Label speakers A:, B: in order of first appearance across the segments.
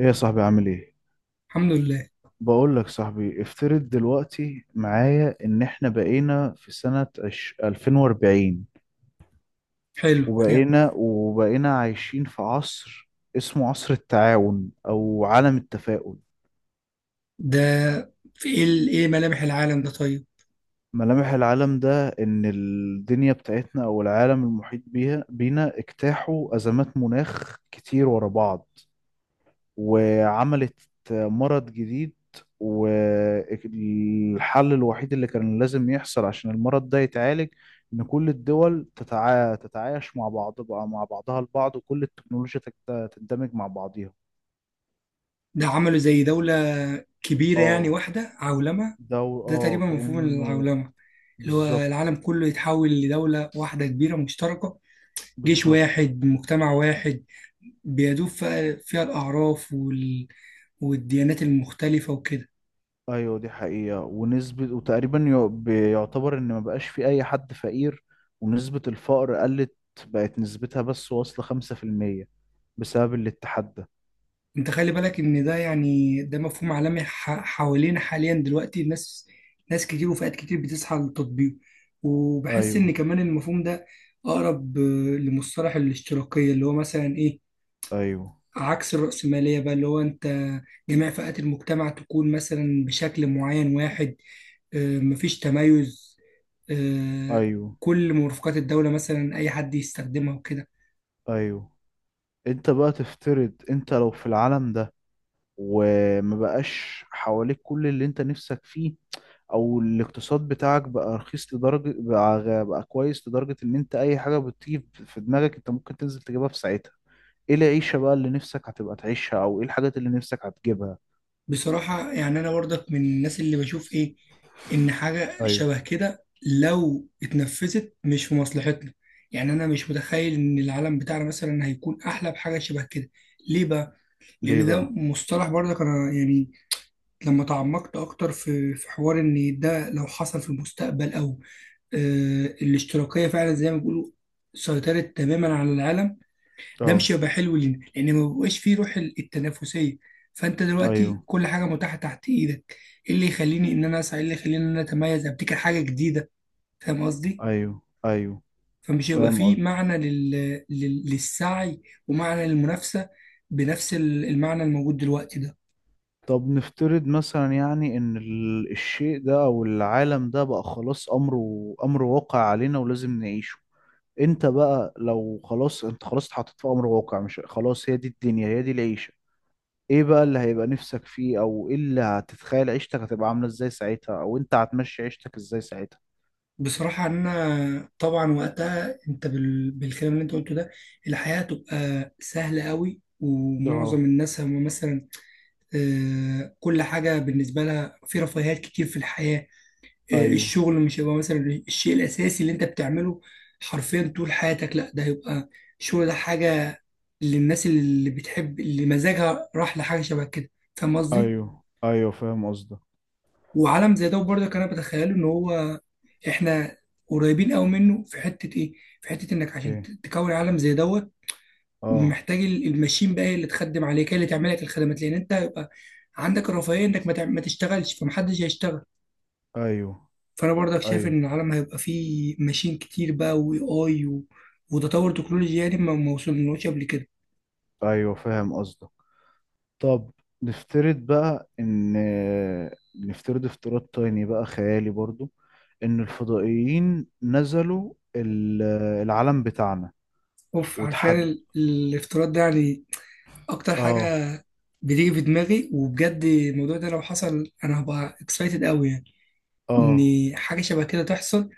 A: ايه يا صاحبي عامل ايه؟
B: الحمد لله.
A: بقول لك صاحبي، افترض دلوقتي معايا ان احنا بقينا في سنة 2040،
B: حلو. انا
A: وبقينا عايشين في عصر اسمه عصر التعاون او عالم التفاؤل.
B: ده في ايه، ايه ملامح العالم ده؟ طيب،
A: ملامح العالم ده ان الدنيا بتاعتنا او العالم المحيط بيها بينا اجتاحوا ازمات مناخ كتير ورا بعض، وعملت مرض جديد، والحل الوحيد اللي كان لازم يحصل عشان المرض ده يتعالج إن كل الدول تتعايش مع بعض، بقى مع بعضها البعض، وكل التكنولوجيا تندمج مع بعضيها.
B: ده عملوا زي دولة كبيرة، يعني
A: اه،
B: واحدة، عولمة.
A: ده
B: ده تقريبا مفهوم
A: كأنه.
B: العولمة، اللي هو
A: بالظبط.
B: العالم كله يتحول لدولة واحدة كبيرة مشتركة، جيش
A: بالظبط.
B: واحد، مجتمع واحد، بيدوب فيها الأعراف والديانات المختلفة وكده.
A: ايوه دي حقيقة ونسبة، وتقريبا بيعتبر ان ما بقاش في اي حد فقير، ونسبة الفقر قلت، بقت نسبتها بس واصلة 5% بسبب الاتحاد ده.
B: انت خلي بالك ان ده، يعني ده مفهوم عالمي حوالينا حاليا دلوقتي. ناس كتير وفئات كتير بتسعى للتطبيق، وبحس ان
A: ايوه،
B: كمان المفهوم ده اقرب لمصطلح الاشتراكية، اللي هو مثلا ايه،
A: ايوه،
B: عكس الرأسمالية بقى. اللي هو انت جميع فئات المجتمع تكون مثلا بشكل معين واحد، مفيش تميز. آه،
A: ايوه،
B: كل مرافقات الدولة مثلا اي حد يستخدمها وكده.
A: ايوه. انت بقى تفترض انت لو في العالم ده وما بقاش حواليك كل اللي انت نفسك فيه، او الاقتصاد بتاعك بقى رخيص لدرجة، بقى كويس لدرجة ان انت اي حاجة بتيجي في دماغك انت ممكن تنزل تجيبها في ساعتها، ايه العيشة بقى اللي نفسك هتبقى تعيشها؟ او ايه الحاجات اللي نفسك هتجيبها؟
B: بصراحة يعني أنا برضك من الناس اللي بشوف إيه، إن حاجة
A: ايوه.
B: شبه كده لو اتنفذت مش في مصلحتنا. يعني أنا مش متخيل إن العالم بتاعنا مثلا هيكون أحلى بحاجة شبه كده. ليه بقى؟
A: ليه
B: لأن ده
A: بقى؟
B: مصطلح، برضك أنا يعني لما تعمقت أكتر في حوار، إن ده لو حصل في المستقبل أو الاشتراكية فعلا زي ما بيقولوا سيطرت تماما على العالم، ده مش
A: اه،
B: هيبقى حلو لينا لان ما بيبقاش فيه روح التنافسيه. فانت دلوقتي
A: ايوه،
B: كل حاجه متاحه تحت ايدك، ايه اللي يخليني ان انا اسعى، ايه اللي يخليني ان انا اتميز، ابتكر حاجه جديده؟ فاهم قصدي؟
A: ايوه، ايوه،
B: فمش هيبقى
A: فاهم
B: فيه
A: قصدي.
B: معنى للسعي، ومعنى للمنافسه بنفس المعنى الموجود دلوقتي ده.
A: طب نفترض مثلا، يعني، ان الشيء ده او العالم ده بقى خلاص امره امر واقع علينا ولازم نعيشه، انت بقى لو خلاص، انت خلاص اتحطيت في امر واقع، مش خلاص هي دي الدنيا هي دي العيشة، ايه بقى اللي هيبقى نفسك فيه؟ او ايه اللي هتتخيل عيشتك هتبقى عاملة ازاي ساعتها؟ او انت هتمشي عيشتك ازاي ساعتها؟
B: بصراحة أنا طبعا وقتها أنت بالكلام اللي أنت قلته ده، الحياة هتبقى سهلة قوي، ومعظم
A: اه،
B: الناس هم مثلا كل حاجة بالنسبة لها في رفاهيات كتير في الحياة.
A: ايوه،
B: الشغل مش هيبقى مثلا الشيء الأساسي اللي أنت بتعمله حرفيا طول حياتك، لا، ده هيبقى الشغل ده حاجة للناس اللي بتحب، اللي مزاجها راح لحاجة شبه كده. فاهم قصدي؟
A: ايوه، ايوه، فاهم قصدك.
B: وعالم زي ده برضك أنا بتخيله إن هو، إحنا قريبين أوي منه في حتة إيه؟ في حتة إنك عشان ت-
A: ايه؟
B: تكون عالم زي دوت،
A: اه،
B: محتاج الماشين بقى هي اللي تخدم عليك، هي اللي تعمل لك الخدمات، لأن أنت هيبقى عندك الرفاهية إنك ما تشتغلش، فمحدش هيشتغل.
A: ايوه،
B: فانا برضك شايف
A: ايوه،
B: ان العالم هيبقى فيه ماشين كتير بقى، اي و... وتطور تكنولوجي يعني ما وصلناش قبل كده.
A: ايوه، فاهم قصدك. طب نفترض بقى ان، نفترض افتراض تاني بقى خيالي برضو، ان الفضائيين نزلوا العالم بتاعنا
B: اوف، عارفين
A: وتحد.
B: الافتراض ده يعني اكتر حاجه
A: اه.
B: بتيجي في دماغي، وبجد الموضوع ده لو حصل انا هبقى اكسايتد قوي، يعني
A: اه،
B: ان حاجه شبه كده تحصل.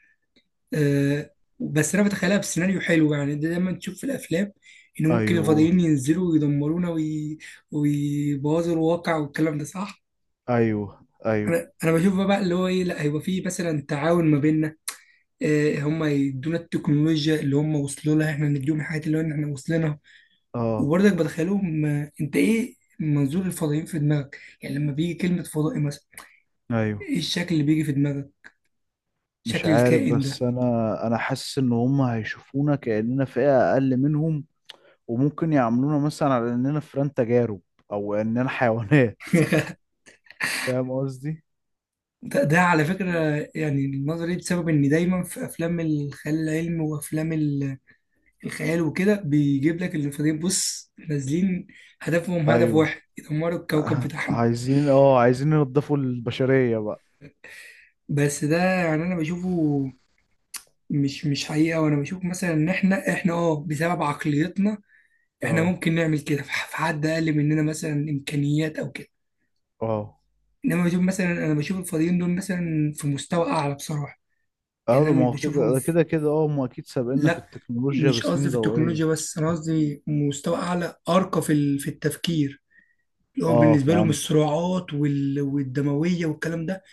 B: أه، بس انا بتخيلها بسيناريو حلو يعني. ده دايما تشوف في الافلام ان ممكن
A: ايوه،
B: الفضائيين ينزلوا ويدمرونا ويبوظوا الواقع والكلام ده صح.
A: ايوه، ايوه.
B: انا بشوف بقى اللي هو ايه، لا، هيبقى فيه مثلا تعاون ما بيننا، آه، هم يدونا التكنولوجيا اللي هم وصلوا لها، احنا نديهم الحاجات اللي هو إن احنا وصلنا.
A: اه.
B: وبرضك بدخلهم انت ايه منظور الفضائيين في دماغك يعني، لما بيجي كلمة فضائي مثلا،
A: ايوه.
B: ايه الشكل اللي بيجي في دماغك؟
A: مش
B: شكل
A: عارف،
B: الكائن ده؟
A: بس انا، انا حاسس ان هم هيشوفونا كأننا فئة اقل منهم، وممكن يعاملونا مثلا على اننا فئران تجارب او اننا حيوانات، فاهم قصدي.
B: ده على فكرة، يعني النظرية دي بسبب ان دايما في افلام الخيال العلمي وافلام الخيال وكده، بيجيب لك الفضائيين بص نازلين، هدفهم هدف
A: ايوه،
B: واحد، يدمروا الكوكب بتاعهم.
A: عايزين، اه، عايزين ينضفوا البشرية بقى.
B: بس ده يعني انا بشوفه مش حقيقه، وانا بشوف مثلا ان احنا اه، بسبب عقليتنا، احنا
A: اه.
B: ممكن نعمل كده في حد اقل مننا مثلا امكانيات او كده.
A: اه.
B: انما بشوف مثلا، انا بشوف الفاضيين دول مثلا في مستوى اعلى بصراحه.
A: اه،
B: يعني
A: ده
B: انا
A: ما
B: مش
A: هو كده،
B: بشوفهم
A: ده
B: في.
A: كده كده، اه، هم اكيد سابقنا في
B: لا،
A: التكنولوجيا
B: مش قصدي
A: بسنين
B: في التكنولوجيا
A: ضوئية.
B: بس، انا قصدي مستوى اعلى ارقى في التفكير، اللي هو
A: اه،
B: بالنسبه لهم
A: فهمت.
B: الصراعات والدمويه والكلام ده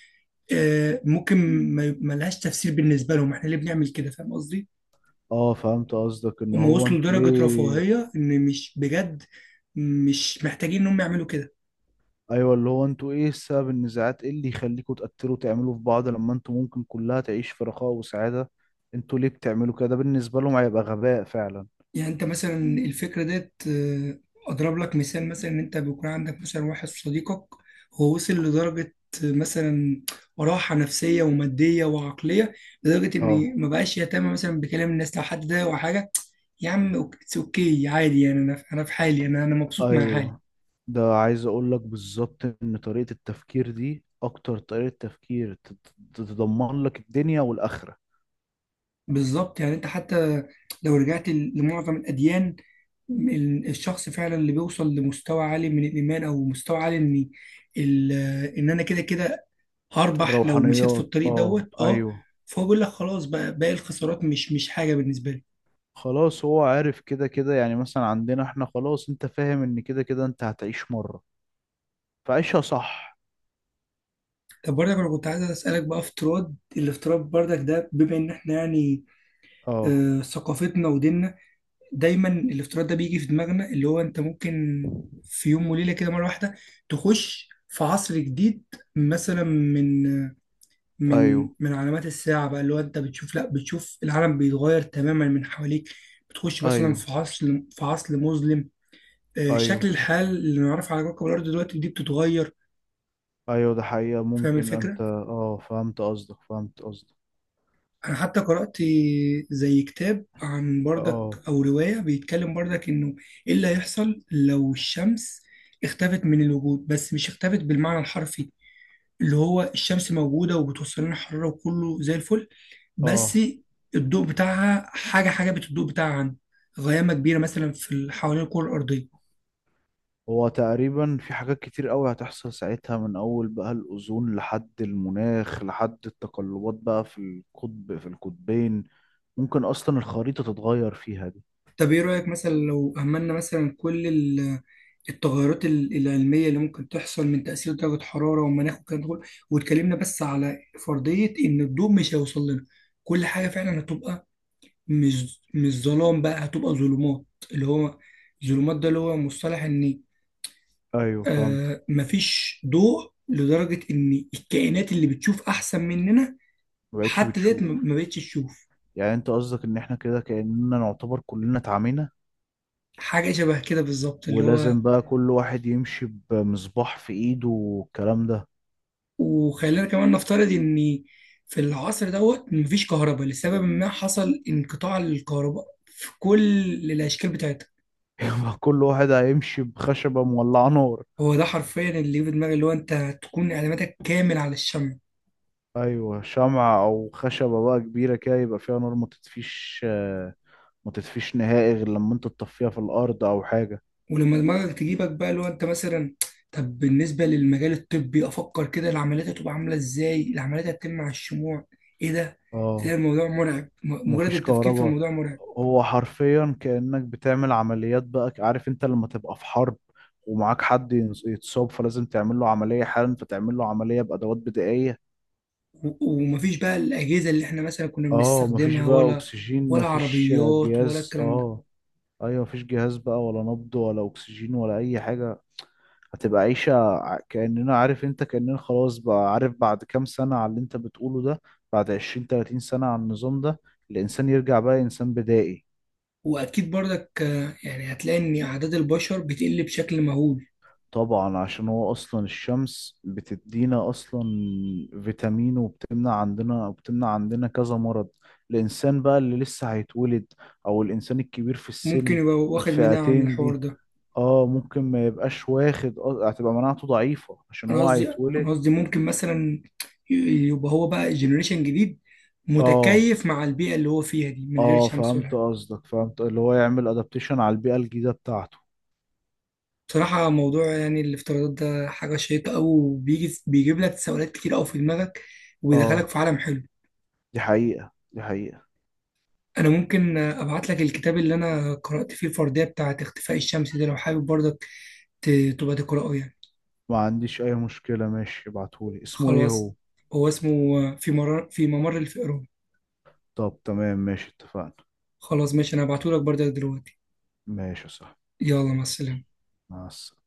B: ممكن ما لهاش تفسير. بالنسبه لهم احنا ليه بنعمل كده؟ فاهم قصدي؟
A: اه، فهمت قصدك ان
B: هم
A: هو
B: وصلوا
A: انتوا
B: لدرجة
A: ليه.
B: رفاهية إن مش بجد مش محتاجين إن هم يعملوا كده.
A: ايوه، اللي هو انتوا ايه سبب النزاعات؟ ايه اللي يخليكوا تقتلوا، تعملوا في بعض، لما انتوا ممكن كلها تعيش في رخاء وسعادة؟ انتوا ليه بتعملوا كده؟ ده بالنسبة لهم هيبقى غباء فعلا.
B: يعني أنت مثلا الفكرة ديت، آه، أضرب لك مثال مثلا، إن أنت بيكون عندك مثلا واحد صديقك هو وصل لدرجة، آه، مثلا راحة نفسية ومادية وعقلية، لدرجة
A: اه،
B: إن ما بقاش يهتم مثلا بكلام الناس لو حد ده أو حاجة، يا عم اتس أوكي عادي، يعني أنا أنا في حالي، أنا أنا مبسوط مع حالي.
A: ايوه. ده عايز اقول لك بالظبط، ان طريقة التفكير دي اكتر طريقة تفكير تضمن لك الدنيا والاخرة.
B: بالظبط، يعني انت حتى لو رجعت لمعظم الاديان، الشخص فعلا اللي بيوصل لمستوى عالي من الايمان، او مستوى عالي ان، ال- ان انا كده كده هربح لو مشيت في
A: الروحانيات،
B: الطريق
A: اه،
B: دوت. اه،
A: ايوه.
B: فهو بيقول لك خلاص بقى باقي الخسارات مش حاجه بالنسبه لي.
A: خلاص هو عارف كده كده، يعني مثلا عندنا احنا خلاص، انت فاهم ان كده كده انت هتعيش مرة، فعيشها صح.
B: طب برضك انا كنت عايز اسالك بقى، افتراض الافتراض برضك ده، بما ان احنا يعني
A: اه،
B: آه ثقافتنا وديننا، دايما الافتراض ده بيجي في دماغنا، اللي هو انت ممكن في يوم وليله كده مره واحده تخش في عصر جديد، مثلا من من
A: ايوه،
B: من علامات الساعه بقى. اللي هو انت بتشوف، لا، بتشوف العالم بيتغير تماما من حواليك، بتخش مثلا
A: ايوه،
B: في عصر، في عصر مظلم. شكل
A: ايوه،
B: الحال اللي نعرفه على كوكب الارض دلوقتي دي بتتغير.
A: ايوه. ده حقيقة
B: فاهم
A: ممكن،
B: الفكره؟
A: انت، اه، فهمت قصدك، فهمت قصدك.
B: انا حتى قرأت زي كتاب عن بردك،
A: اه.
B: او رواية بيتكلم بردك انه ايه اللي هيحصل لو الشمس اختفت من الوجود، بس مش اختفت بالمعنى الحرفي، اللي هو الشمس موجودة وبتوصل لنا حرارة وكله زي الفل، بس
A: اه.
B: الضوء بتاعها حاجة بالضوء بتاعها عن غيامة كبيرة مثلا حوالين الكرة الأرضية.
A: هو تقريبا في حاجات كتير قوي هتحصل ساعتها، من اول بقى الاوزون لحد المناخ لحد التقلبات بقى في القطب، في القطبين، ممكن اصلا الخريطة تتغير فيها دي.
B: طب ايه رأيك مثلا لو أهملنا مثلا كل التغيرات العلمية اللي ممكن تحصل من تأثير درجة حرارة والمناخ والكلام ده كله، واتكلمنا بس على فرضية إن الضوء مش هيوصل لنا، كل حاجة فعلا هتبقى مش ظلام بقى، هتبقى ظلمات. اللي هو ظلمات ده اللي هو مصطلح إن
A: ايوه فهمتك.
B: آه مفيش ضوء لدرجة إن الكائنات اللي بتشوف أحسن مننا
A: ما بقتش
B: حتى ديت ما
A: بتشوف.
B: ما بقتش تشوف.
A: يعني انت قصدك ان احنا كده كأننا نعتبر كلنا اتعمينا،
B: حاجة شبه كده بالظبط. اللي هو
A: ولازم بقى كل واحد يمشي بمصباح في ايده والكلام ده.
B: وخلينا كمان نفترض ان في العصر دوت مفيش كهرباء، لسبب ما حصل انقطاع الكهرباء في كل الاشكال بتاعتها.
A: يبقى كل واحد هيمشي بخشبة مولعة نار.
B: هو ده حرفيا اللي في دماغي، اللي هو انت تكون اعتمادك كامل على الشمع.
A: ايوه، شمعة او خشبة بقى كبيرة كده يبقى فيها نار ما تطفيش، ما تطفيش نهائي غير لما انت تطفيها في الارض او حاجه.
B: ولما دماغك تجيبك بقى اللي هو انت مثلا، طب بالنسبه للمجال الطبي، افكر كده العمليات هتبقى عامله ازاي، العمليات هتتم على الشموع؟ ايه ده! تلاقي
A: اه.
B: الموضوع مرعب، مجرد
A: ومفيش
B: التفكير في
A: كهرباء.
B: الموضوع مرعب.
A: هو حرفيا كأنك بتعمل عمليات، بقى عارف انت لما تبقى في حرب، ومعاك حد يتصاب، فلازم تعمل له عملية حالا، فتعمل له عملية بأدوات بدائية.
B: ومفيش بقى الاجهزه اللي احنا مثلا كنا
A: اه، مفيش
B: بنستخدمها،
A: بقى
B: ولا
A: اكسجين،
B: ولا
A: مفيش
B: عربيات ولا
A: جهاز،
B: الكلام ده.
A: اه. ايوه، مفيش جهاز بقى، ولا نبض ولا اكسجين ولا اي حاجة. هتبقى كأننا، عارف انت، كأننا خلاص بقى، عارف بعد كام سنة على اللي انت بتقوله ده، بعد 20 30 سنة على النظام ده، الإنسان يرجع بقى إنسان بدائي.
B: واكيد برضك يعني هتلاقي ان اعداد البشر بتقل بشكل مهول.
A: طبعا، عشان هو أصلا الشمس بتدينا أصلا فيتامين، وبتمنع عندنا كذا مرض. الإنسان بقى اللي لسه هيتولد، أو الإنسان الكبير في
B: ممكن
A: السن،
B: يبقى واخد مناعة من
A: الفئتين
B: الحوار
A: دي،
B: ده.
A: اه ممكن ما يبقاش واخد، هتبقى مناعته ضعيفة عشان
B: انا
A: هو
B: قصدي،
A: هيتولد.
B: انا قصدي ممكن مثلا ي- يبقى هو بقى جنريشن جديد
A: اه.
B: متكيف مع البيئة اللي هو فيها دي من غير
A: اه،
B: شمس ولا
A: فهمت
B: حاجة.
A: قصدك، فهمت اللي هو يعمل ادابتيشن على البيئة الجديدة بتاعته.
B: بصراحة موضوع يعني الافتراضات ده حاجة شيقة أوي، وبيجي بيجيب لك تساؤلات كتير أوي في دماغك، وبيدخلك
A: اه،
B: في عالم حلو.
A: دي حقيقة دي حقيقة.
B: أنا ممكن أبعت لك الكتاب اللي أنا قرأت فيه الفردية بتاعة اختفاء الشمس ده لو حابب برضك تبقى تقرأه يعني.
A: ما عنديش اي مشكلة، ماشي، ابعتهولي، اسمه ايه هو؟
B: خلاص، هو اسمه في ممر الفئران.
A: طب تمام، ماشي، اتفقنا.
B: خلاص ماشي، انا هبعتهولك برضه دلوقتي.
A: ماشي يا صاحبي،
B: يلا مع السلامة.
A: مع السلامة.